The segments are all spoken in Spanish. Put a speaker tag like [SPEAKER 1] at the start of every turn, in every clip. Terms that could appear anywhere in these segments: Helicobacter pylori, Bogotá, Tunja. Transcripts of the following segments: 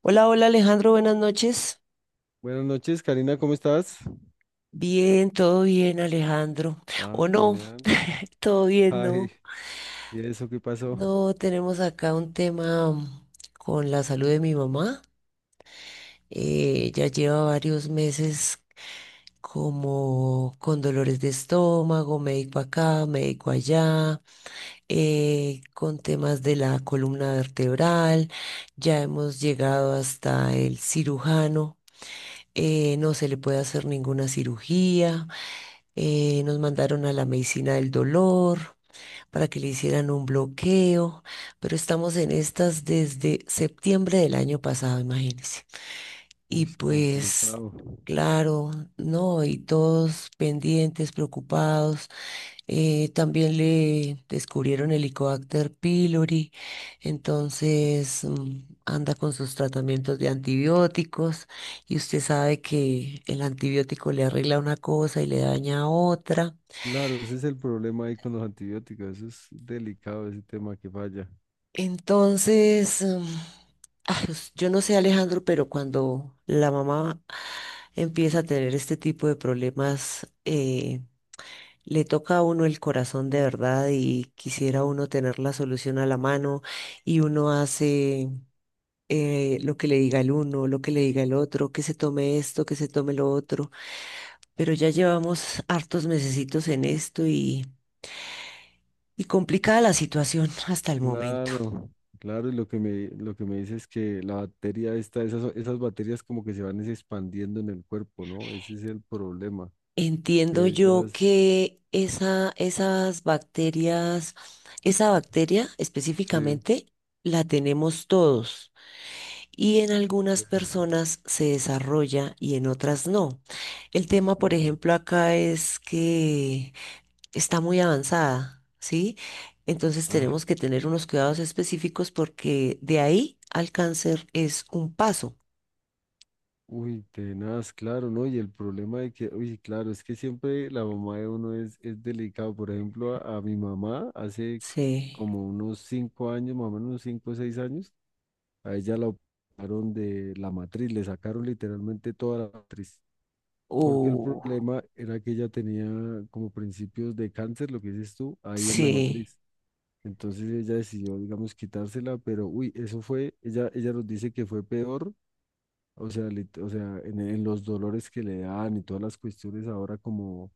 [SPEAKER 1] Hola, hola Alejandro, buenas noches.
[SPEAKER 2] Buenas noches, Karina, ¿cómo estás?
[SPEAKER 1] Bien, todo bien Alejandro.
[SPEAKER 2] Ah,
[SPEAKER 1] ¿O no?
[SPEAKER 2] genial.
[SPEAKER 1] Todo bien,
[SPEAKER 2] Ay,
[SPEAKER 1] ¿no?
[SPEAKER 2] ¿y eso qué pasó?
[SPEAKER 1] No, tenemos acá un tema con la salud de mi mamá. Ya lleva varios meses como con dolores de estómago, médico acá, médico allá, con temas de la columna vertebral. Ya hemos llegado hasta el cirujano. No se le puede hacer ninguna cirugía. Nos mandaron a la medicina del dolor para que le hicieran un bloqueo, pero estamos en estas desde septiembre del año pasado, imagínense. Y
[SPEAKER 2] Uy,
[SPEAKER 1] pues,
[SPEAKER 2] complicado.
[SPEAKER 1] claro, no, y todos pendientes, preocupados. También le descubrieron el Helicobacter pylori, entonces anda con sus tratamientos de antibióticos y usted sabe que el antibiótico le arregla una cosa y le daña otra.
[SPEAKER 2] Claro, ese es el problema ahí con los antibióticos, eso es delicado ese tema que falla.
[SPEAKER 1] Entonces, ay, yo no sé, Alejandro, pero cuando la mamá empieza a tener este tipo de problemas, le toca a uno el corazón de verdad y quisiera uno tener la solución a la mano y uno hace lo que le diga el uno, lo que le diga el otro, que se tome esto, que se tome lo otro. Pero ya llevamos hartos mesecitos en esto y complicada la situación hasta el momento.
[SPEAKER 2] Claro, claro, y lo que me dice es que la bacteria esta, esas bacterias como que se van es expandiendo en el cuerpo, ¿no? Ese es el problema,
[SPEAKER 1] Entiendo
[SPEAKER 2] que
[SPEAKER 1] yo
[SPEAKER 2] ellas,
[SPEAKER 1] que esas bacterias, esa bacteria
[SPEAKER 2] sí.
[SPEAKER 1] específicamente, la tenemos todos y en
[SPEAKER 2] Sí.
[SPEAKER 1] algunas personas se desarrolla y en otras no. El tema,
[SPEAKER 2] Uy,
[SPEAKER 1] por ejemplo, acá es que está muy avanzada, ¿sí? Entonces
[SPEAKER 2] ah,
[SPEAKER 1] tenemos que tener unos cuidados específicos porque de ahí al cáncer es un paso.
[SPEAKER 2] uy, tenaz, claro, ¿no? Y el problema de que, uy, claro, es que siempre la mamá de uno es delicado. Por ejemplo, a mi mamá hace
[SPEAKER 1] Sí.
[SPEAKER 2] como unos cinco años, más o menos unos cinco o seis años, a ella la operaron de la matriz, le sacaron literalmente toda la matriz. Porque el
[SPEAKER 1] Uh,
[SPEAKER 2] problema era que ella tenía como principios de cáncer, lo que dices tú, ahí en la
[SPEAKER 1] sí,
[SPEAKER 2] matriz. Entonces ella decidió, digamos, quitársela, pero uy, eso fue, ella nos dice que fue peor, o sea, o sea, en los dolores que le dan y todas las cuestiones ahora como,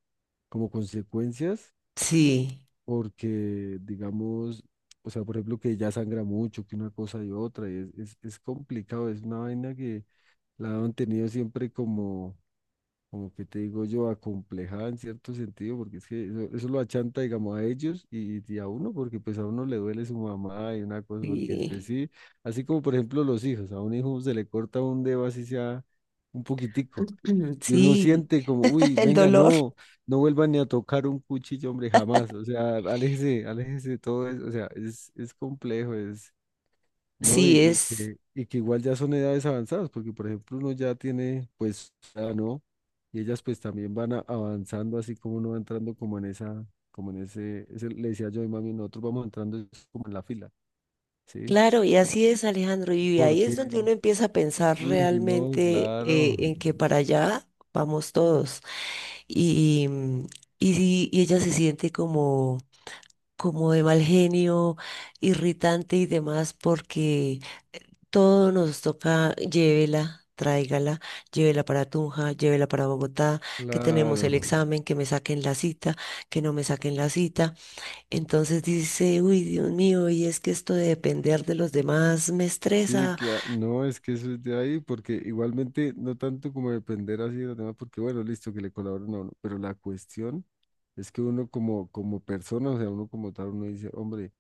[SPEAKER 2] como consecuencias,
[SPEAKER 1] sí.
[SPEAKER 2] porque digamos, o sea, por ejemplo, que ya sangra mucho, que una cosa y otra, y es complicado, es una vaina que la han tenido siempre como, como que te digo yo, acomplejada en cierto sentido, porque es que eso lo achanta, digamos, a ellos y a uno, porque pues a uno le duele su mamá y una cosa, porque después
[SPEAKER 1] Sí.
[SPEAKER 2] sí, así como por ejemplo los hijos, a un hijo se le corta un dedo así sea un poquitico. Y uno
[SPEAKER 1] Sí,
[SPEAKER 2] siente como, uy,
[SPEAKER 1] el
[SPEAKER 2] venga,
[SPEAKER 1] dolor.
[SPEAKER 2] no, no vuelvan ni a tocar un cuchillo, hombre, jamás. O sea, aléjese, aléjese de todo eso. O sea, es complejo, es, ¿no?
[SPEAKER 1] Sí,
[SPEAKER 2] Y, y
[SPEAKER 1] es
[SPEAKER 2] que, y que igual ya son edades avanzadas, porque por ejemplo uno ya tiene, pues, ya ¿no? Y ellas pues también avanzando, así como uno va entrando como en esa, como en ese, le decía yo a mi mami, nosotros vamos entrando es como en la fila, ¿sí?
[SPEAKER 1] claro, y así es, Alejandro. Y ahí
[SPEAKER 2] Porque,
[SPEAKER 1] es donde uno empieza a pensar
[SPEAKER 2] uy, no,
[SPEAKER 1] realmente
[SPEAKER 2] claro,
[SPEAKER 1] en que para allá vamos todos. Y, y, sí, y ella se siente como, como de mal genio, irritante y demás, porque todo nos toca, llévela, tráigala, llévela para Tunja, llévela para Bogotá, que tenemos
[SPEAKER 2] claro.
[SPEAKER 1] el examen, que me saquen la cita, que no me saquen la cita. Entonces dice, uy, Dios mío, y es que esto de depender de los demás me
[SPEAKER 2] Sí,
[SPEAKER 1] estresa.
[SPEAKER 2] claro, no, es que eso es de ahí, porque igualmente no tanto como depender así de los demás, porque bueno, listo, que le colaboren a uno, pero la cuestión es que uno como, como persona, o sea, uno como tal, uno dice, hombre,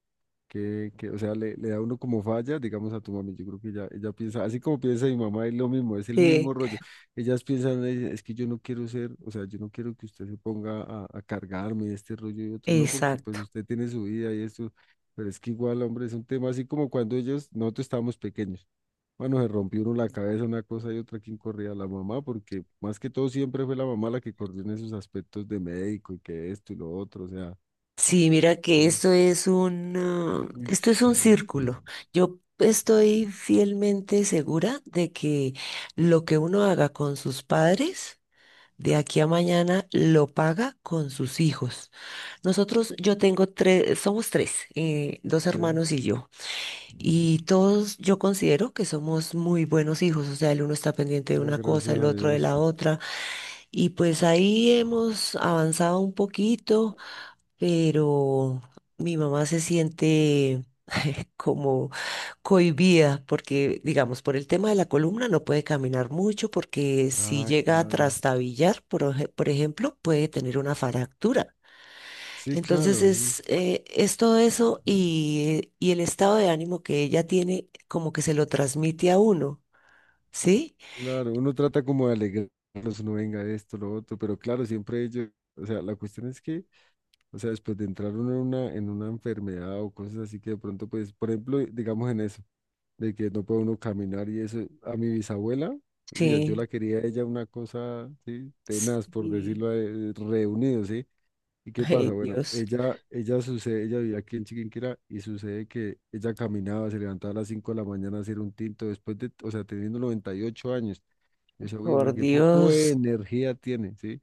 [SPEAKER 2] o sea, le da uno como falla, digamos, a tu mami. Yo creo que ella piensa, así como piensa mi mamá, es lo mismo, es el
[SPEAKER 1] Eh,
[SPEAKER 2] mismo rollo. Ellas piensan, "Ay, es que yo no quiero ser, o sea, yo no quiero que usted se ponga a cargarme este rollo y otro, no, porque pues
[SPEAKER 1] exacto.
[SPEAKER 2] usted tiene su vida y esto, pero es que igual, hombre, es un tema así como cuando ellos, nosotros estábamos pequeños. Bueno, se rompió uno la cabeza, una cosa y otra, ¿quién corría? La mamá, porque más que todo siempre fue la mamá la que corrió en esos aspectos de médico y que esto y lo otro, o sea,
[SPEAKER 1] Sí, mira que esto
[SPEAKER 2] es,
[SPEAKER 1] es un, ah,
[SPEAKER 2] uy,
[SPEAKER 1] esto es un círculo. Yo estoy fielmente segura de que lo que uno haga con sus padres, de aquí a mañana lo paga con sus hijos. Nosotros, yo tengo tres, somos tres, dos
[SPEAKER 2] sí.
[SPEAKER 1] hermanos y yo. Y todos yo considero que somos muy buenos hijos, o sea, el uno está pendiente de
[SPEAKER 2] Ah,
[SPEAKER 1] una cosa,
[SPEAKER 2] gracias
[SPEAKER 1] el
[SPEAKER 2] a
[SPEAKER 1] otro de
[SPEAKER 2] Dios.
[SPEAKER 1] la otra, y pues ahí hemos avanzado un poquito, pero mi mamá se siente como cohibida porque, digamos, por el tema de la columna no puede caminar mucho porque si
[SPEAKER 2] Ah,
[SPEAKER 1] llega a
[SPEAKER 2] claro.
[SPEAKER 1] trastabillar, por, por ejemplo, puede tener una fractura.
[SPEAKER 2] Sí,
[SPEAKER 1] Entonces
[SPEAKER 2] claro, eso,
[SPEAKER 1] es todo eso y el estado de ánimo que ella tiene como que se lo transmite a uno, ¿sí?
[SPEAKER 2] claro. Uno trata como de alegrarlos, uno venga esto, lo otro, pero claro, siempre ellos, o sea, la cuestión es que, o sea, después de entrar uno en una enfermedad o cosas así que de pronto, pues, por ejemplo, digamos en eso, de que no puede uno caminar y eso, a mi bisabuela, uy, yo
[SPEAKER 1] Sí,
[SPEAKER 2] la quería a ella una cosa, sí, tenaz, por
[SPEAKER 1] sí.
[SPEAKER 2] decirlo, reunido, sí. ¿Y qué pasa?
[SPEAKER 1] Ay,
[SPEAKER 2] Bueno,
[SPEAKER 1] Dios,
[SPEAKER 2] ella sucede, ella vivía aquí en Chiquinquirá y sucede que ella caminaba, se levantaba a las 5 de la mañana a hacer un tinto después de, o sea, teniendo 98 años. Yo decía, uy, hombre,
[SPEAKER 1] por
[SPEAKER 2] qué poco de
[SPEAKER 1] Dios,
[SPEAKER 2] energía tiene, ¿sí?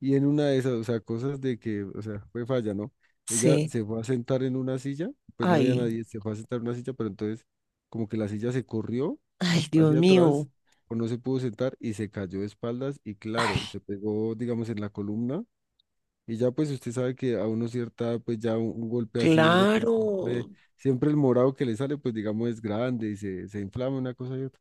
[SPEAKER 2] Y en una de esas, o sea, cosas de que, o sea, fue falla, ¿no? Ella
[SPEAKER 1] sí.
[SPEAKER 2] se fue a sentar en una silla, pues no había
[SPEAKER 1] Ay,
[SPEAKER 2] nadie, se fue a sentar en una silla, pero entonces como que la silla se corrió
[SPEAKER 1] ay, Dios
[SPEAKER 2] hacia atrás
[SPEAKER 1] mío.
[SPEAKER 2] o no se pudo sentar y se cayó de espaldas y claro,
[SPEAKER 1] Ay,
[SPEAKER 2] se pegó, digamos, en la columna y ya pues usted sabe que a uno cierta, pues ya un golpe así duro, pues siempre,
[SPEAKER 1] claro,
[SPEAKER 2] siempre el morado que le sale, pues digamos es grande y se inflama una cosa y otra.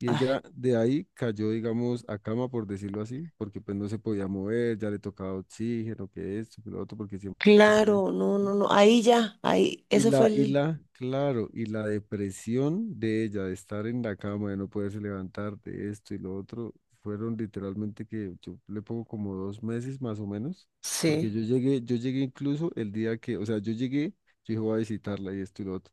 [SPEAKER 2] Y
[SPEAKER 1] ay,
[SPEAKER 2] ella de ahí cayó, digamos, a cama, por decirlo así, porque pues no se podía mover, ya le tocaba oxígeno, que esto, que lo otro, porque siempre fue...
[SPEAKER 1] claro, no, no, no. Ahí ya, ahí, eso fue
[SPEAKER 2] Y
[SPEAKER 1] el,
[SPEAKER 2] la, claro, y la depresión de ella, de estar en la cama, de no poderse levantar, de esto y lo otro, fueron literalmente que yo le pongo como dos meses más o menos, porque
[SPEAKER 1] sí,
[SPEAKER 2] yo llegué incluso el día que, o sea, yo llegué, yo dije, voy a visitarla y esto y lo otro.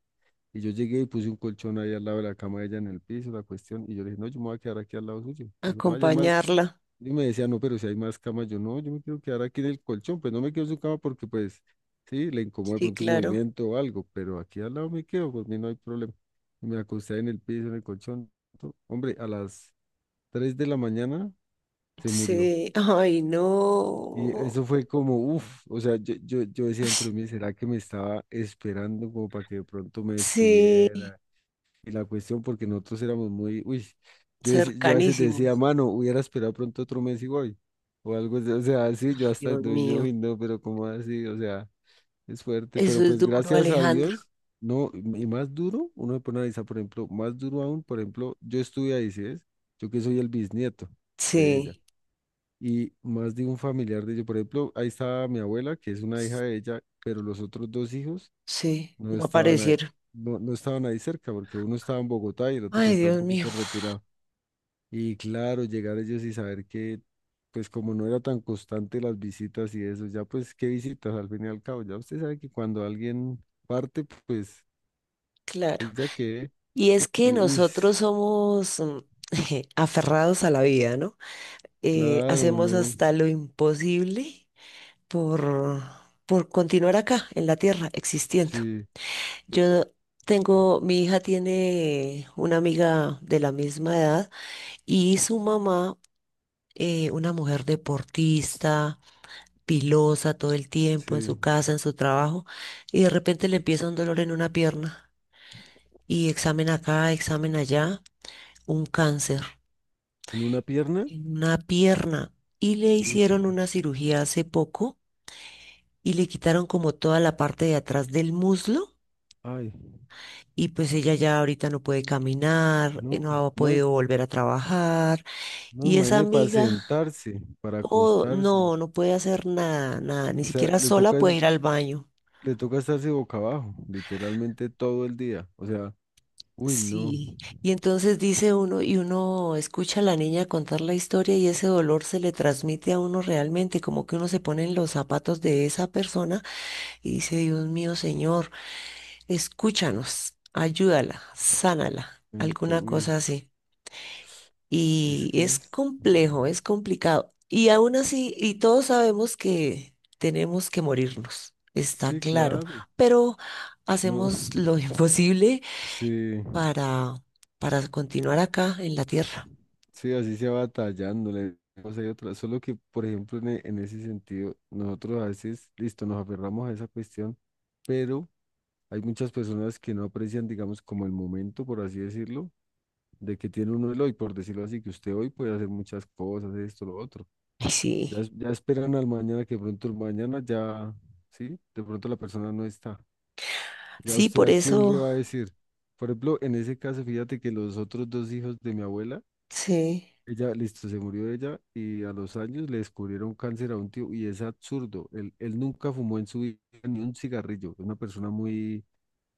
[SPEAKER 2] Y yo llegué y puse un colchón ahí al lado de la cama de ella en el piso, la cuestión. Y yo le dije, no, yo me voy a quedar aquí al lado suyo. Me dijo, no, allá hay más.
[SPEAKER 1] acompañarla.
[SPEAKER 2] Y me decía, no, pero si hay más camas, yo no, yo me quiero quedar aquí en el colchón, pues no me quedo en su cama porque pues sí, le incomoda de
[SPEAKER 1] Sí,
[SPEAKER 2] pronto un
[SPEAKER 1] claro.
[SPEAKER 2] movimiento o algo, pero aquí al lado me quedo, por mí no hay problema. Y me acosté en el piso, en el colchón. Hombre, a las 3 de la mañana se murió.
[SPEAKER 1] Sí, ay,
[SPEAKER 2] Y
[SPEAKER 1] no.
[SPEAKER 2] eso fue como, uff, o sea, yo decía dentro de mí, ¿será que me estaba esperando como para que de pronto me
[SPEAKER 1] Sí.
[SPEAKER 2] despidiera? Y la cuestión, porque nosotros éramos muy, uy, yo, yo a veces decía,
[SPEAKER 1] Cercanísimos.
[SPEAKER 2] mano, hubiera esperado pronto otro mes y voy. O algo así, o sea, sí,
[SPEAKER 1] Ay,
[SPEAKER 2] yo hasta
[SPEAKER 1] Dios
[SPEAKER 2] entonces yo, uy,
[SPEAKER 1] mío,
[SPEAKER 2] no, pero como así? O sea, es fuerte,
[SPEAKER 1] eso
[SPEAKER 2] pero
[SPEAKER 1] es
[SPEAKER 2] pues
[SPEAKER 1] duro,
[SPEAKER 2] gracias a
[SPEAKER 1] Alejandro.
[SPEAKER 2] Dios, no, y más duro, uno se pone a analizar, por ejemplo, más duro aún, por ejemplo, yo estuve ahí, ¿sí ves? Yo que soy el bisnieto de ella,
[SPEAKER 1] Sí,
[SPEAKER 2] y más de un familiar de ella, por ejemplo, ahí estaba mi abuela, que es una hija de ella, pero los otros dos hijos
[SPEAKER 1] sí,
[SPEAKER 2] no
[SPEAKER 1] no
[SPEAKER 2] estaban ahí,
[SPEAKER 1] aparecieron.
[SPEAKER 2] no, no estaban ahí cerca, porque uno estaba en Bogotá y el otro pues
[SPEAKER 1] Ay,
[SPEAKER 2] estaba un
[SPEAKER 1] Dios mío,
[SPEAKER 2] poquito retirado. Y claro, llegar ellos y saber que, pues como no era tan constante las visitas y eso, ya pues qué visitas al fin y al cabo, ya usted sabe que cuando alguien parte, pues,
[SPEAKER 1] claro.
[SPEAKER 2] pues ya que,
[SPEAKER 1] Y es que
[SPEAKER 2] y uy,
[SPEAKER 1] nosotros somos aferrados a la vida, ¿no?
[SPEAKER 2] claro,
[SPEAKER 1] Hacemos
[SPEAKER 2] uno,
[SPEAKER 1] hasta lo imposible por, por continuar acá, en la tierra, existiendo.
[SPEAKER 2] sí,
[SPEAKER 1] Yo tengo, mi hija tiene una amiga de la misma edad y su mamá, una mujer deportista pilosa todo el
[SPEAKER 2] sí,
[SPEAKER 1] tiempo, en su
[SPEAKER 2] en
[SPEAKER 1] casa, en su trabajo, y de repente le empieza un dolor en una pierna, y examen acá, examen allá, un cáncer
[SPEAKER 2] una pierna,
[SPEAKER 1] en una pierna, y le
[SPEAKER 2] uy,
[SPEAKER 1] hicieron una cirugía hace poco, y le quitaron como toda la parte de atrás del muslo,
[SPEAKER 2] ay,
[SPEAKER 1] y pues ella ya ahorita no puede caminar,
[SPEAKER 2] no,
[SPEAKER 1] no ha
[SPEAKER 2] no,
[SPEAKER 1] podido volver a trabajar,
[SPEAKER 2] no,
[SPEAKER 1] y esa
[SPEAKER 2] imagínese para
[SPEAKER 1] amiga,
[SPEAKER 2] sentarse, para
[SPEAKER 1] oh,
[SPEAKER 2] acostarse.
[SPEAKER 1] no, no puede hacer nada, nada, ni
[SPEAKER 2] O sea,
[SPEAKER 1] siquiera
[SPEAKER 2] le
[SPEAKER 1] sola
[SPEAKER 2] toca
[SPEAKER 1] puede
[SPEAKER 2] es
[SPEAKER 1] ir al baño.
[SPEAKER 2] le toca estarse boca abajo, literalmente todo el día. O sea, uy, no.
[SPEAKER 1] Sí, y entonces dice uno, y uno escucha a la niña contar la historia y ese dolor se le transmite a uno realmente, como que uno se pone en los zapatos de esa persona y dice, Dios mío, Señor, escúchanos, ayúdala, sánala, alguna
[SPEAKER 2] Uy,
[SPEAKER 1] cosa así.
[SPEAKER 2] es
[SPEAKER 1] Y
[SPEAKER 2] que
[SPEAKER 1] es
[SPEAKER 2] es.
[SPEAKER 1] complejo, es complicado. Y aún así, y todos sabemos que tenemos que morirnos, está
[SPEAKER 2] Sí,
[SPEAKER 1] claro,
[SPEAKER 2] claro.
[SPEAKER 1] pero
[SPEAKER 2] No.
[SPEAKER 1] hacemos lo imposible
[SPEAKER 2] Sí,
[SPEAKER 1] para, para continuar acá en la tierra.
[SPEAKER 2] sí, así se va batallándole. O sea, y otra. Solo que, por ejemplo, en, en ese sentido, nosotros a veces, listo, nos aferramos a esa cuestión, pero hay muchas personas que no aprecian, digamos, como el momento, por así decirlo, de que tiene uno el hoy, por decirlo así, que usted hoy puede hacer muchas cosas, esto, lo otro.
[SPEAKER 1] Y
[SPEAKER 2] Ya,
[SPEAKER 1] sí,
[SPEAKER 2] ya esperan al mañana, que de pronto el mañana ya, ¿sí? De pronto la persona no está. Ya
[SPEAKER 1] sí,
[SPEAKER 2] usted
[SPEAKER 1] por
[SPEAKER 2] a quién le
[SPEAKER 1] eso,
[SPEAKER 2] va a decir. Por ejemplo, en ese caso, fíjate que los otros dos hijos de mi abuela,
[SPEAKER 1] sí,
[SPEAKER 2] ella, listo, se murió ella y a los años le descubrieron cáncer a un tío y es absurdo. Él nunca fumó en su vida ni un cigarrillo. Es una persona muy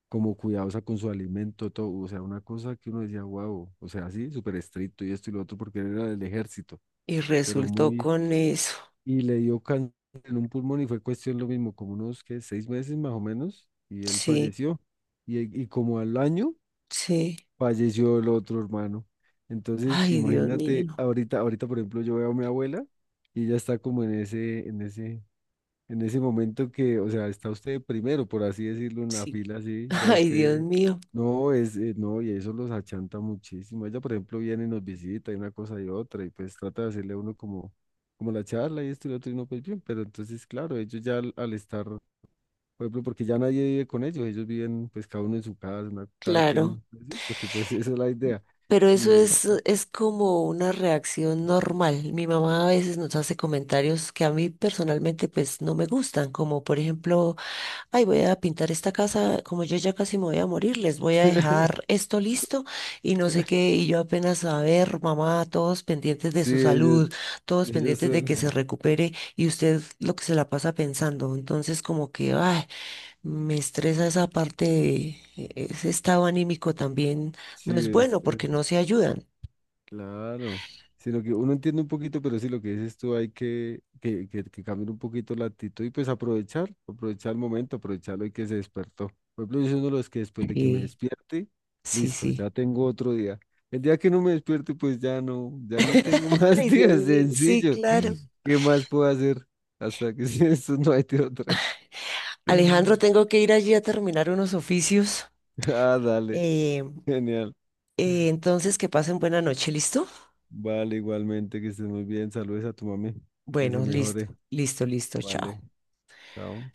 [SPEAKER 2] como cuidadosa con su alimento, todo. O sea, una cosa que uno decía, wow, o sea, así, súper estricto y esto y lo otro porque él era del ejército,
[SPEAKER 1] y
[SPEAKER 2] pero
[SPEAKER 1] resultó
[SPEAKER 2] muy
[SPEAKER 1] con eso,
[SPEAKER 2] y le dio cáncer en un pulmón y fue cuestión lo mismo, como unos que seis meses más o menos, y él
[SPEAKER 1] sí,
[SPEAKER 2] falleció. Y como al año
[SPEAKER 1] sí,
[SPEAKER 2] falleció el otro hermano. Entonces,
[SPEAKER 1] ay, Dios
[SPEAKER 2] imagínate,
[SPEAKER 1] mío,
[SPEAKER 2] ahorita, ahorita, por ejemplo, yo veo a mi abuela y ella está como en ese momento que, o sea, está usted primero, por así decirlo, en la
[SPEAKER 1] sí,
[SPEAKER 2] fila, sí, ya
[SPEAKER 1] ay, Dios
[SPEAKER 2] usted,
[SPEAKER 1] mío,
[SPEAKER 2] no, es, no, y eso los achanta muchísimo. Ella, por ejemplo, viene y nos visita y una cosa y otra, y pues trata de hacerle a uno como, como la charla y esto y lo otro, y no, pues bien, pero entonces, claro, ellos ya al estar, por ejemplo, porque ya nadie vive con ellos, ellos viven, pues, cada uno en su casa, una- cada
[SPEAKER 1] claro.
[SPEAKER 2] quien, pues, sí, porque pues esa es la idea.
[SPEAKER 1] Pero eso
[SPEAKER 2] Y
[SPEAKER 1] es como una reacción normal. Mi mamá a veces nos hace comentarios que a mí personalmente pues no me gustan, como por ejemplo, ay, voy a pintar esta casa, como yo ya casi me voy a morir, les voy a dejar esto listo y no sé qué, y yo apenas a ver, mamá, todos pendientes de
[SPEAKER 2] sí,
[SPEAKER 1] su
[SPEAKER 2] ellos,
[SPEAKER 1] salud, todos
[SPEAKER 2] ellos
[SPEAKER 1] pendientes de que se
[SPEAKER 2] son,
[SPEAKER 1] recupere y usted lo que se la pasa pensando, entonces como que, ay, me estresa esa parte ese estado anímico también no
[SPEAKER 2] sí,
[SPEAKER 1] es
[SPEAKER 2] es,
[SPEAKER 1] bueno
[SPEAKER 2] es.
[SPEAKER 1] porque no se ayudan.
[SPEAKER 2] Claro, sino que uno entiende un poquito, pero sí lo que dices tú, hay que cambiar un poquito la actitud y pues aprovechar, aprovechar el momento, aprovechar hoy que se despertó. Por ejemplo, yo soy uno de los que después de que me
[SPEAKER 1] Sí,
[SPEAKER 2] despierte,
[SPEAKER 1] sí,
[SPEAKER 2] listo, ya
[SPEAKER 1] sí.
[SPEAKER 2] tengo otro día. El día que no me despierte, pues ya no, ya no tengo más
[SPEAKER 1] Ay, Dios
[SPEAKER 2] días,
[SPEAKER 1] mío, sí,
[SPEAKER 2] sencillo.
[SPEAKER 1] claro.
[SPEAKER 2] ¿Qué más puedo hacer? Hasta que si eso no hay de otra.
[SPEAKER 1] Alejandro, tengo que ir allí a terminar unos oficios.
[SPEAKER 2] Ah, dale,
[SPEAKER 1] Eh,
[SPEAKER 2] genial.
[SPEAKER 1] entonces, que pasen buena noche, ¿listo?
[SPEAKER 2] Vale, igualmente, que estés muy bien. Saludes a tu mami, que se
[SPEAKER 1] Bueno, listo,
[SPEAKER 2] mejore.
[SPEAKER 1] listo, listo,
[SPEAKER 2] Vale.
[SPEAKER 1] chao.
[SPEAKER 2] Chao.